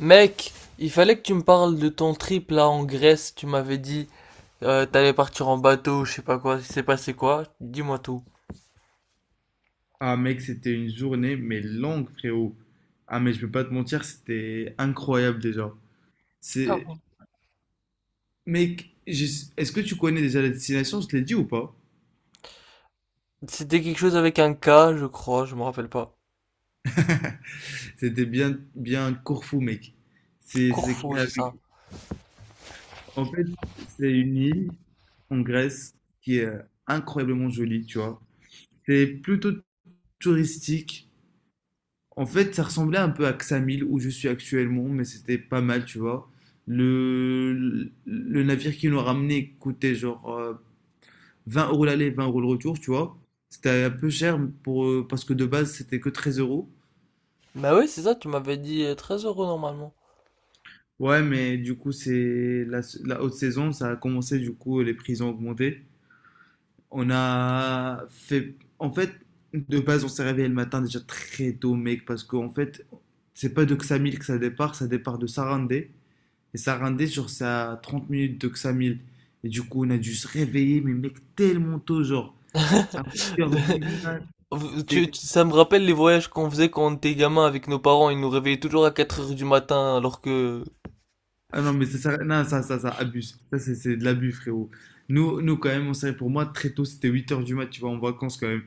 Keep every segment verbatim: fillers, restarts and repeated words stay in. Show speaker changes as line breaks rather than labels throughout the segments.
Mec, il fallait que tu me parles de ton trip là en Grèce. Tu m'avais dit euh, t'allais partir en bateau, je sais pas quoi. Il s'est passé quoi? Dis-moi tout.
Ah mec, c'était une journée, mais longue, frérot. Ah mais je peux pas te mentir, c'était incroyable déjà.
Ah
C'est...
bon.
Mec, je- est-ce que tu connais déjà la destination? Je te l'ai dit ou pas?
C'était quelque chose avec un K, je crois, je me rappelle pas.
C'était bien, bien Corfou, mec. C'est c'est écrit
Corfou, c'est ça.
avec- en fait, c'est une île en Grèce qui est incroyablement jolie, tu vois. C'est plutôt touristique. En fait, ça ressemblait un peu à Xamil, où je suis actuellement, mais c'était pas mal, tu vois. Le, le navire qui nous a ramené coûtait genre euh, vingt euros l'aller, vingt euros le retour, tu vois. C'était un peu cher pour, euh, parce que de base, c'était que treize euros.
Bah oui, c'est ça, tu m'avais dit euh, 13 euros normalement.
Ouais, mais du coup, c'est la, la haute saison, ça a commencé, du coup, les prix ont augmenté. On a fait. En fait, de base, on s'est réveillé le matin déjà très tôt, mec, parce qu'en fait, c'est pas de Xamil que ça départ, ça départ de Sarandé. Et ça rendait sur sa trente minutes de Xamil. Et du coup, on a dû se réveiller, mais mec, tellement tôt, genre, à huit heures du matin. T'es-
Tu- tu- ça me rappelle les voyages qu'on faisait quand on était gamin avec nos parents. Ils nous réveillaient toujours à quatre heures du matin alors que...
Ah non, mais ça, ça, non, ça, ça, ça abuse. Ça, c'est c'est de l'abus, frérot. Nous, nous, quand même, on savait, pour moi, très tôt, c'était huit heures du mat, tu vois, en vacances, quand même.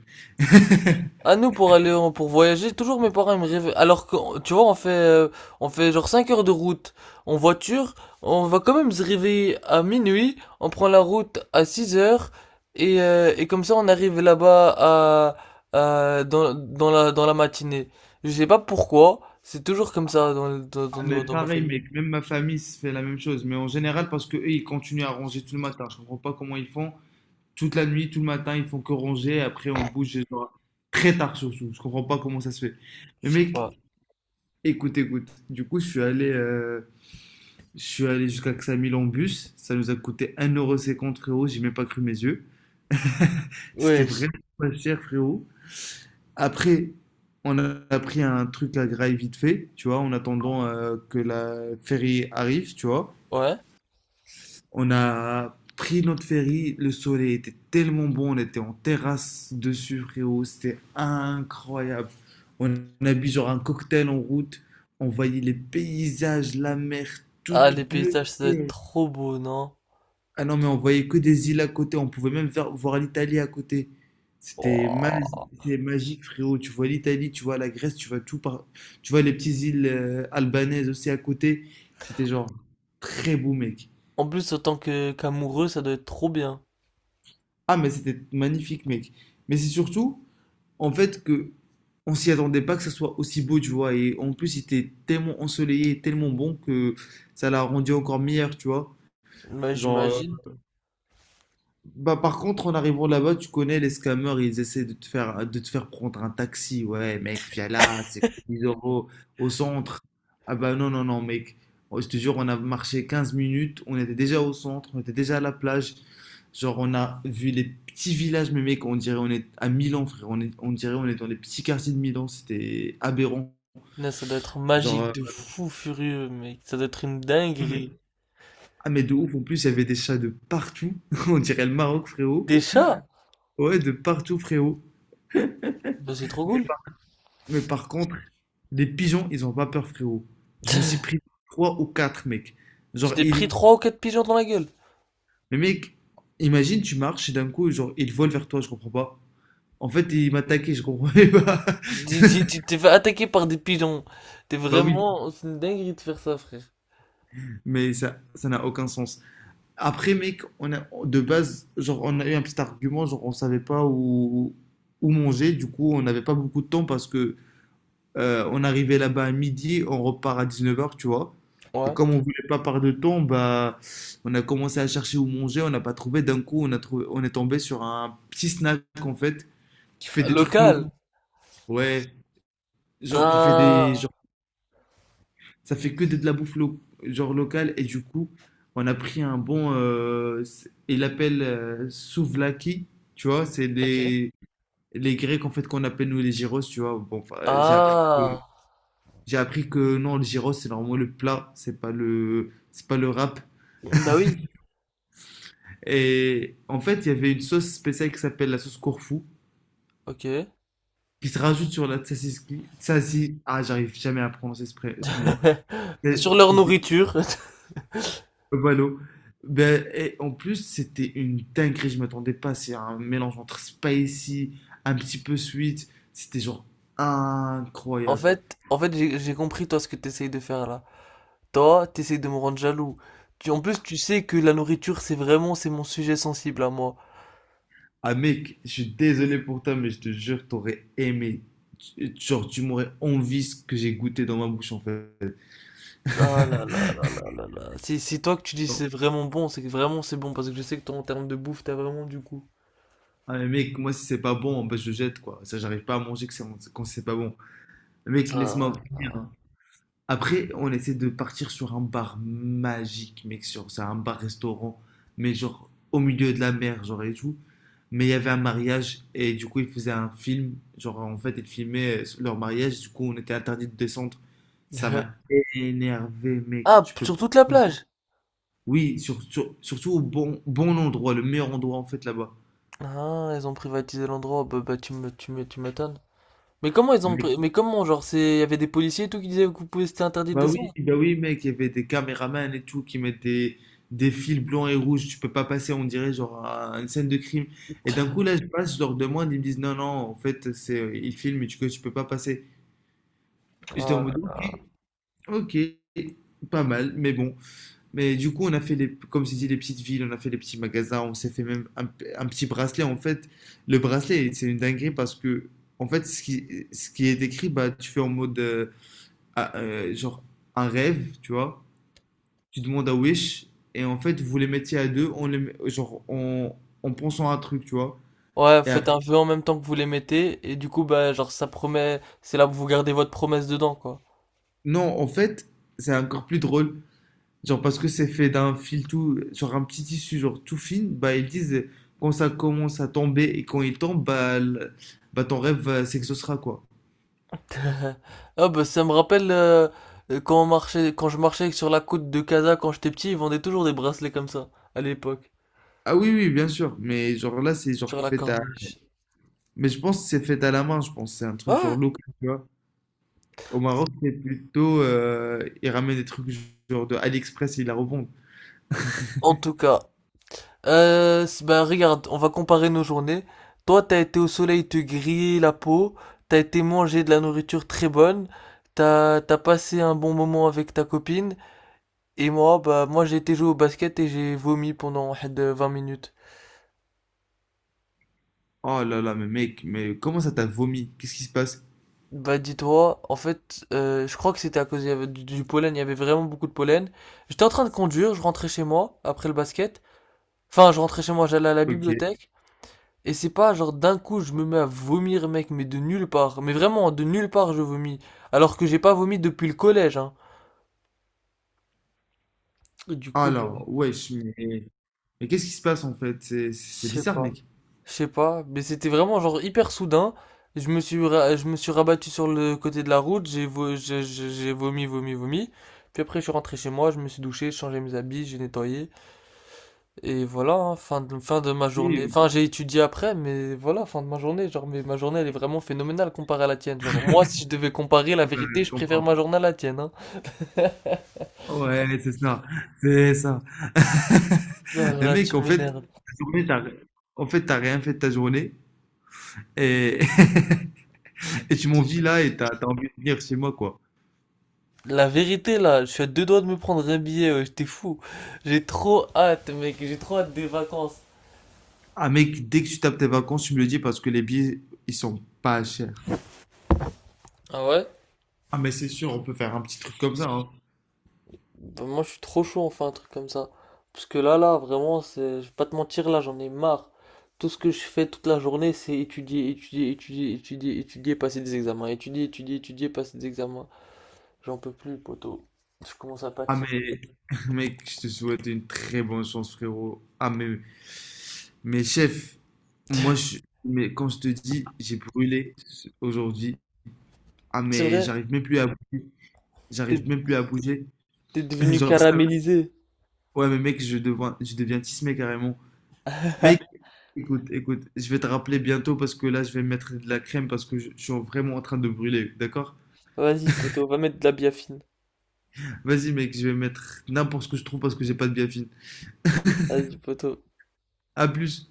À nous pour aller en- pour voyager, toujours mes parents ils me rêvent. Alors que tu vois, on fait euh, on fait genre cinq heures de route en voiture, on va quand même se réveiller à minuit, on prend la route à six heures et euh, et comme ça on arrive là-bas à, à- dans dans la dans la matinée. Je sais pas pourquoi, c'est toujours comme ça dans dans
Ah, mais
dans, dans ma
pareil,
famille.
mec, même ma famille se fait la même chose. Mais en général, parce que eux, ils continuent à ranger tout le matin. Je comprends pas comment ils font. Toute la nuit, tout le matin, ils font que ranger. Après, on bouge, genre, très tard, surtout. Je comprends pas comment ça se fait. Mais
Je sais
mec,
pas.
écoute, écoute, du coup, je suis allé, euh, je suis allé jusqu'à Ksamil en bus. Ça nous a coûté un euro cinquante frérot. J'ai même pas cru mes yeux. C'était
Wesh.
vraiment pas cher, frérot. Après, on a a pris un truc à graille vite fait, tu vois, en attendant euh, que la ferry arrive, tu vois.
Ouais.
On a pris notre ferry, le soleil était tellement bon, on était en terrasse dessus, frérot, c'était incroyable. On a bu genre un cocktail en route, on voyait les paysages, la mer
Ah,
toute
les
bleue.
paysages, ça doit être trop beau, non?
Ah non, mais on voyait que des îles à côté, on pouvait même ver- voir l'Italie à côté. C'était ma-
Wouah.
c'était magique, frérot. Tu vois l'Italie, tu vois la Grèce, tu vois tout par... Tu vois les petites îles euh, albanaises aussi à côté. C'était genre très beau, mec.
En plus, autant que qu'amoureux, ça doit être trop bien.
Ah, mais c'était magnifique, mec. Mais c'est surtout, en fait, que on s'y attendait pas que ça soit aussi beau, tu vois. Et en plus, il était tellement ensoleillé, tellement bon que ça l'a rendu encore meilleur, tu vois.
Bah,
Genre, euh,
j'imagine.
bah par contre, en arrivant là-bas, tu connais les scammers, ils essaient de te faire, de te faire prendre un taxi. Ouais, mec, viens là, c'est dix euros au centre. Ah bah non, non, non, mec. Oh, je te jure, on a marché quinze minutes, on était déjà au centre, on était déjà à la plage. Genre, on a vu les petits villages, mais mec, on dirait on est à Milan, frère. On est, on dirait on est dans les petits quartiers de Milan. C'était aberrant.
Punaise, ça doit être
Genre,
magique de
euh,
fou furieux, mec. Ça doit être une
ah, mais-
dinguerie.
ah, mais de ouf. En plus, il y avait des chats de partout. On dirait le Maroc, frérot.
Des chats?
Ouais, de partout, frérot.
Bah, c'est trop cool.
Mais par contre, les pigeons, ils ont pas peur, frérot. Je me suis pris trois ou quatre, mec.
Tu
Genre,
t'es pris
ils.
trois ou quatre pigeons dans la gueule.
Mais mec, imagine, tu marches et d'un coup, genre, ils volent vers toi. Je comprends pas. En fait, ils m'attaquaient, je comprenais pas.
Tu tu- tu t'es fait attaquer par des pigeons. T'es
Bah oui,
vraiment... C'est une dinguerie de faire ça, frère.
mais ça, ça n'a aucun sens. Après, mec, on a, de base, genre, on a eu un petit argument, genre, on savait pas où, où manger, du coup, on n'avait pas beaucoup de temps parce que euh, on arrivait là-bas à midi, on repart à dix-neuf heures, tu vois. Et
Ouais.
comme on voulait pas perdre de temps, bah, on a commencé à chercher où manger, on n'a pas trouvé. D'un coup, on a trouvé, on est tombé sur un petit snack, en fait, qui fait des trucs locaux.
Local.
Ouais, genre, qui fait des,
Putain.
genre, ça fait que de, de la bouffe lo- genre locale et du coup, on a pris un bon, euh, c'est- il l'appelle euh, souvlaki, tu vois, c'est
Ok.
les les Grecs en fait qu'on appelle nous les gyros, tu vois. Bon, euh, j'ai appris que,
Ah.
j'ai appris que non, le gyros c'est normalement le plat, c'est pas le c'est pas le wrap.
Bah oui.
Et en fait, il y avait une sauce spéciale qui s'appelle la sauce Corfou
Ok.
qui se rajoute sur la tzatziki. Tzazi, ah, j'arrive jamais à prononcer ce, pré- ce mot.
Sur leur nourriture.
Buffalo. Ben, et en plus, c'était une dinguerie, je m'attendais pas. C'est un mélange entre spicy, un petit peu sweet. C'était genre
En
incroyable.
fait, en fait, j'ai j'ai compris toi ce que t'essayes de faire là. Toi, t'essayes de me rendre jaloux. Tu, en plus, tu sais que la nourriture, c'est vraiment, c'est mon sujet sensible à moi.
Ah mec, je suis désolé pour toi, mais je te jure, t'aurais aimé. Tu- Genre, tu m'aurais envie ce que j'ai goûté dans ma bouche en fait.
Ah là là là là là là. Si, si toi que tu dis
Non.
c'est vraiment bon, c'est que vraiment c'est bon, parce que je sais que toi, en termes de bouffe, t'as vraiment du goût.
Ah mais mec, moi si c'est pas bon, ben je jette quoi. Ça, j'arrive pas à manger que c'est- quand c'est pas bon. Mec, laisse-moi
Ça,
venir.
ah.
Après, on essaie de partir sur un bar magique, mec, sur c'est un bar-restaurant, mais genre au milieu de la mer, genre et tout. Mais il y avait un mariage et du coup, ils faisaient un film. Genre, en fait, ils filmaient euh, leur mariage. Du coup, on était interdit de descendre. Ça m'a énervé, mec.
Ah,
Tu peux
sur toute la
pas.
plage.
Oui, sur- sur- surtout au bon, bon endroit, le meilleur endroit, en fait, là-bas.
Ah, ils ont privatisé l'endroit. Bah, bah, tu me, tu me, tu m'étonnes. Mais comment ils ont, pri- mais comment, genre, c'est, il y avait des policiers et tout qui disaient que vous pouvez, c'était interdit de
Bah oui,
descendre.
bah oui, mec, il y avait des caméramans et tout qui mettaient des fils blancs et rouges. Tu peux pas passer, on dirait, genre à une scène de crime. Et d'un coup, là, je passe, je leur demande, ils me disent non, non, en fait, c'est, euh, ils filment, tu, que tu peux pas passer. Et j'étais
Oh
en
là
mode ok,
là.
ok, pas mal, mais bon. Mais du coup, on a fait les, comme je dit, les petites villes, on a fait les petits magasins, on s'est fait même un, un petit bracelet. En fait, le bracelet, c'est une dinguerie parce que, en fait, ce qui, ce qui est écrit, bah, tu fais en mode euh, ah, euh, genre un rêve, tu vois. Tu demandes à Wish, et en fait, vous les mettiez à deux, on les met- genre, en, en pensant à un truc, tu vois.
Ouais,
Et
faites
après,
un vœu en même temps que vous les mettez, et du coup, bah, genre, ça promet, c'est là où vous gardez votre promesse dedans, quoi.
non, en fait, c'est encore plus drôle, genre, parce que c'est fait d'un fil tout, genre, un petit tissu, genre, tout fin, bah, ils disent, euh, quand ça commence à tomber, et quand il tombe, bah, l- bah ton rêve euh, s'exaucera, quoi.
Ah, bah, ça me rappelle euh, euh, quand on marchait, quand je marchais sur la côte de Casa quand j'étais petit, ils vendaient toujours des bracelets comme ça, à l'époque,
Ah oui, oui, bien sûr, mais genre, là, c'est genre
sur la
fait à...
corniche.
Mais je pense que c'est fait à la main, je pense, c'est un truc genre
Ouais,
local, tu vois. Au Maroc, c'est plutôt, euh, ils ramènent des trucs genre de AliExpress et ils la revendent.
en tout cas. Euh, c- bah, regarde, on va comparer nos journées. Toi, t'as été au soleil te griller la peau, t'as été manger de la nourriture très bonne, t'as, t'as passé un bon moment avec ta copine. Et moi, bah, moi j'ai été jouer au basket et j'ai vomi pendant had, euh, 20 minutes.
Oh là là, mais mec, mais comment ça t'a vomi? Qu'est-ce qui se passe?
Bah, dis-toi, en fait, euh, je crois que c'était à cause il y avait du, du pollen, il y avait vraiment beaucoup de pollen. J'étais en train de conduire, je rentrais chez moi après le basket. Enfin, je rentrais chez moi, j'allais à la
Ok.
bibliothèque. Et c'est pas genre d'un coup je me mets à vomir, mec, mais de nulle part. Mais vraiment, de nulle part je vomis. Alors que j'ai pas vomi depuis le collège, hein. Du coup, bah, je
Alors, wesh, mais, mais qu'est-ce qui se passe en fait? C'est c'est
sais
bizarre,
pas.
mec.
Je sais pas, mais c'était vraiment genre hyper soudain. Je me suis ra- je me suis rabattu sur le côté de la route, j'ai vo- j'ai j'ai- j'ai vomi, vomi, vomi. Puis après, je suis rentré chez moi, je me suis douché, j'ai changé mes habits, j'ai nettoyé. Et voilà, hein, fin de, fin de ma
Oui,
journée.
oui,
Enfin, j'ai étudié après, mais voilà, fin de ma journée. Genre, mais ma journée, elle est vraiment phénoménale comparée à la tienne. Genre, moi, si je devais comparer la
bah,
vérité,
je
je préfère
comprends.
ma journée à la tienne, hein.
Ouais, c'est ça. C'est ça.
Ah là,
Mais
là,
mec,
tu
en fait,
m'énerves.
ta journée, t'as, en fait, t'as rien fait de ta journée et, et
Je
tu
te
m'envies
jure.
là et t'as t'as envie de venir chez moi, quoi.
La vérité, là, je suis à deux doigts de me prendre un billet, ouais, j'étais fou. J'ai trop hâte, mec, j'ai trop hâte des vacances.
Ah, mec, dès que tu tapes tes vacances, tu me le dis parce que les billets, ils sont pas chers.
Ah ouais?
Ah, mais c'est sûr, on peut faire un petit truc comme ça, hein.
Bah, moi je suis trop chaud, enfin un truc comme ça. Parce que là, là, vraiment, c'est... je vais pas te mentir, là, j'en ai marre. Tout ce que je fais toute la journée, c'est étudier, étudier, étudier, étudier, étudier, passer des examens. Étudier, étudier, étudier, passer des examens. J'en peux plus, poto. Je commence à
Ah
fatiguer.
mais mec, je te souhaite une très bonne chance frérot. Ah mais mais chef, moi je mais quand je te dis j'ai brûlé ce- aujourd'hui. Ah
C'est
mais
vrai?
j'arrive même plus à bouger. J'arrive
T'es
même plus à bouger.
T'es devenu
Genre ça.
caramélisé.
Ouais mais mec, je deviens je deviens tismé carrément. Mec, écoute, écoute, je vais te rappeler bientôt parce que là je vais mettre de la crème parce que je, je suis vraiment en train de brûler, d'accord?
Vas-y, poto, va mettre de la biafine.
Vas-y mec, je vais mettre n'importe ce que je trouve parce que j'ai pas de bien fine.
Vas-y, poto.
À plus.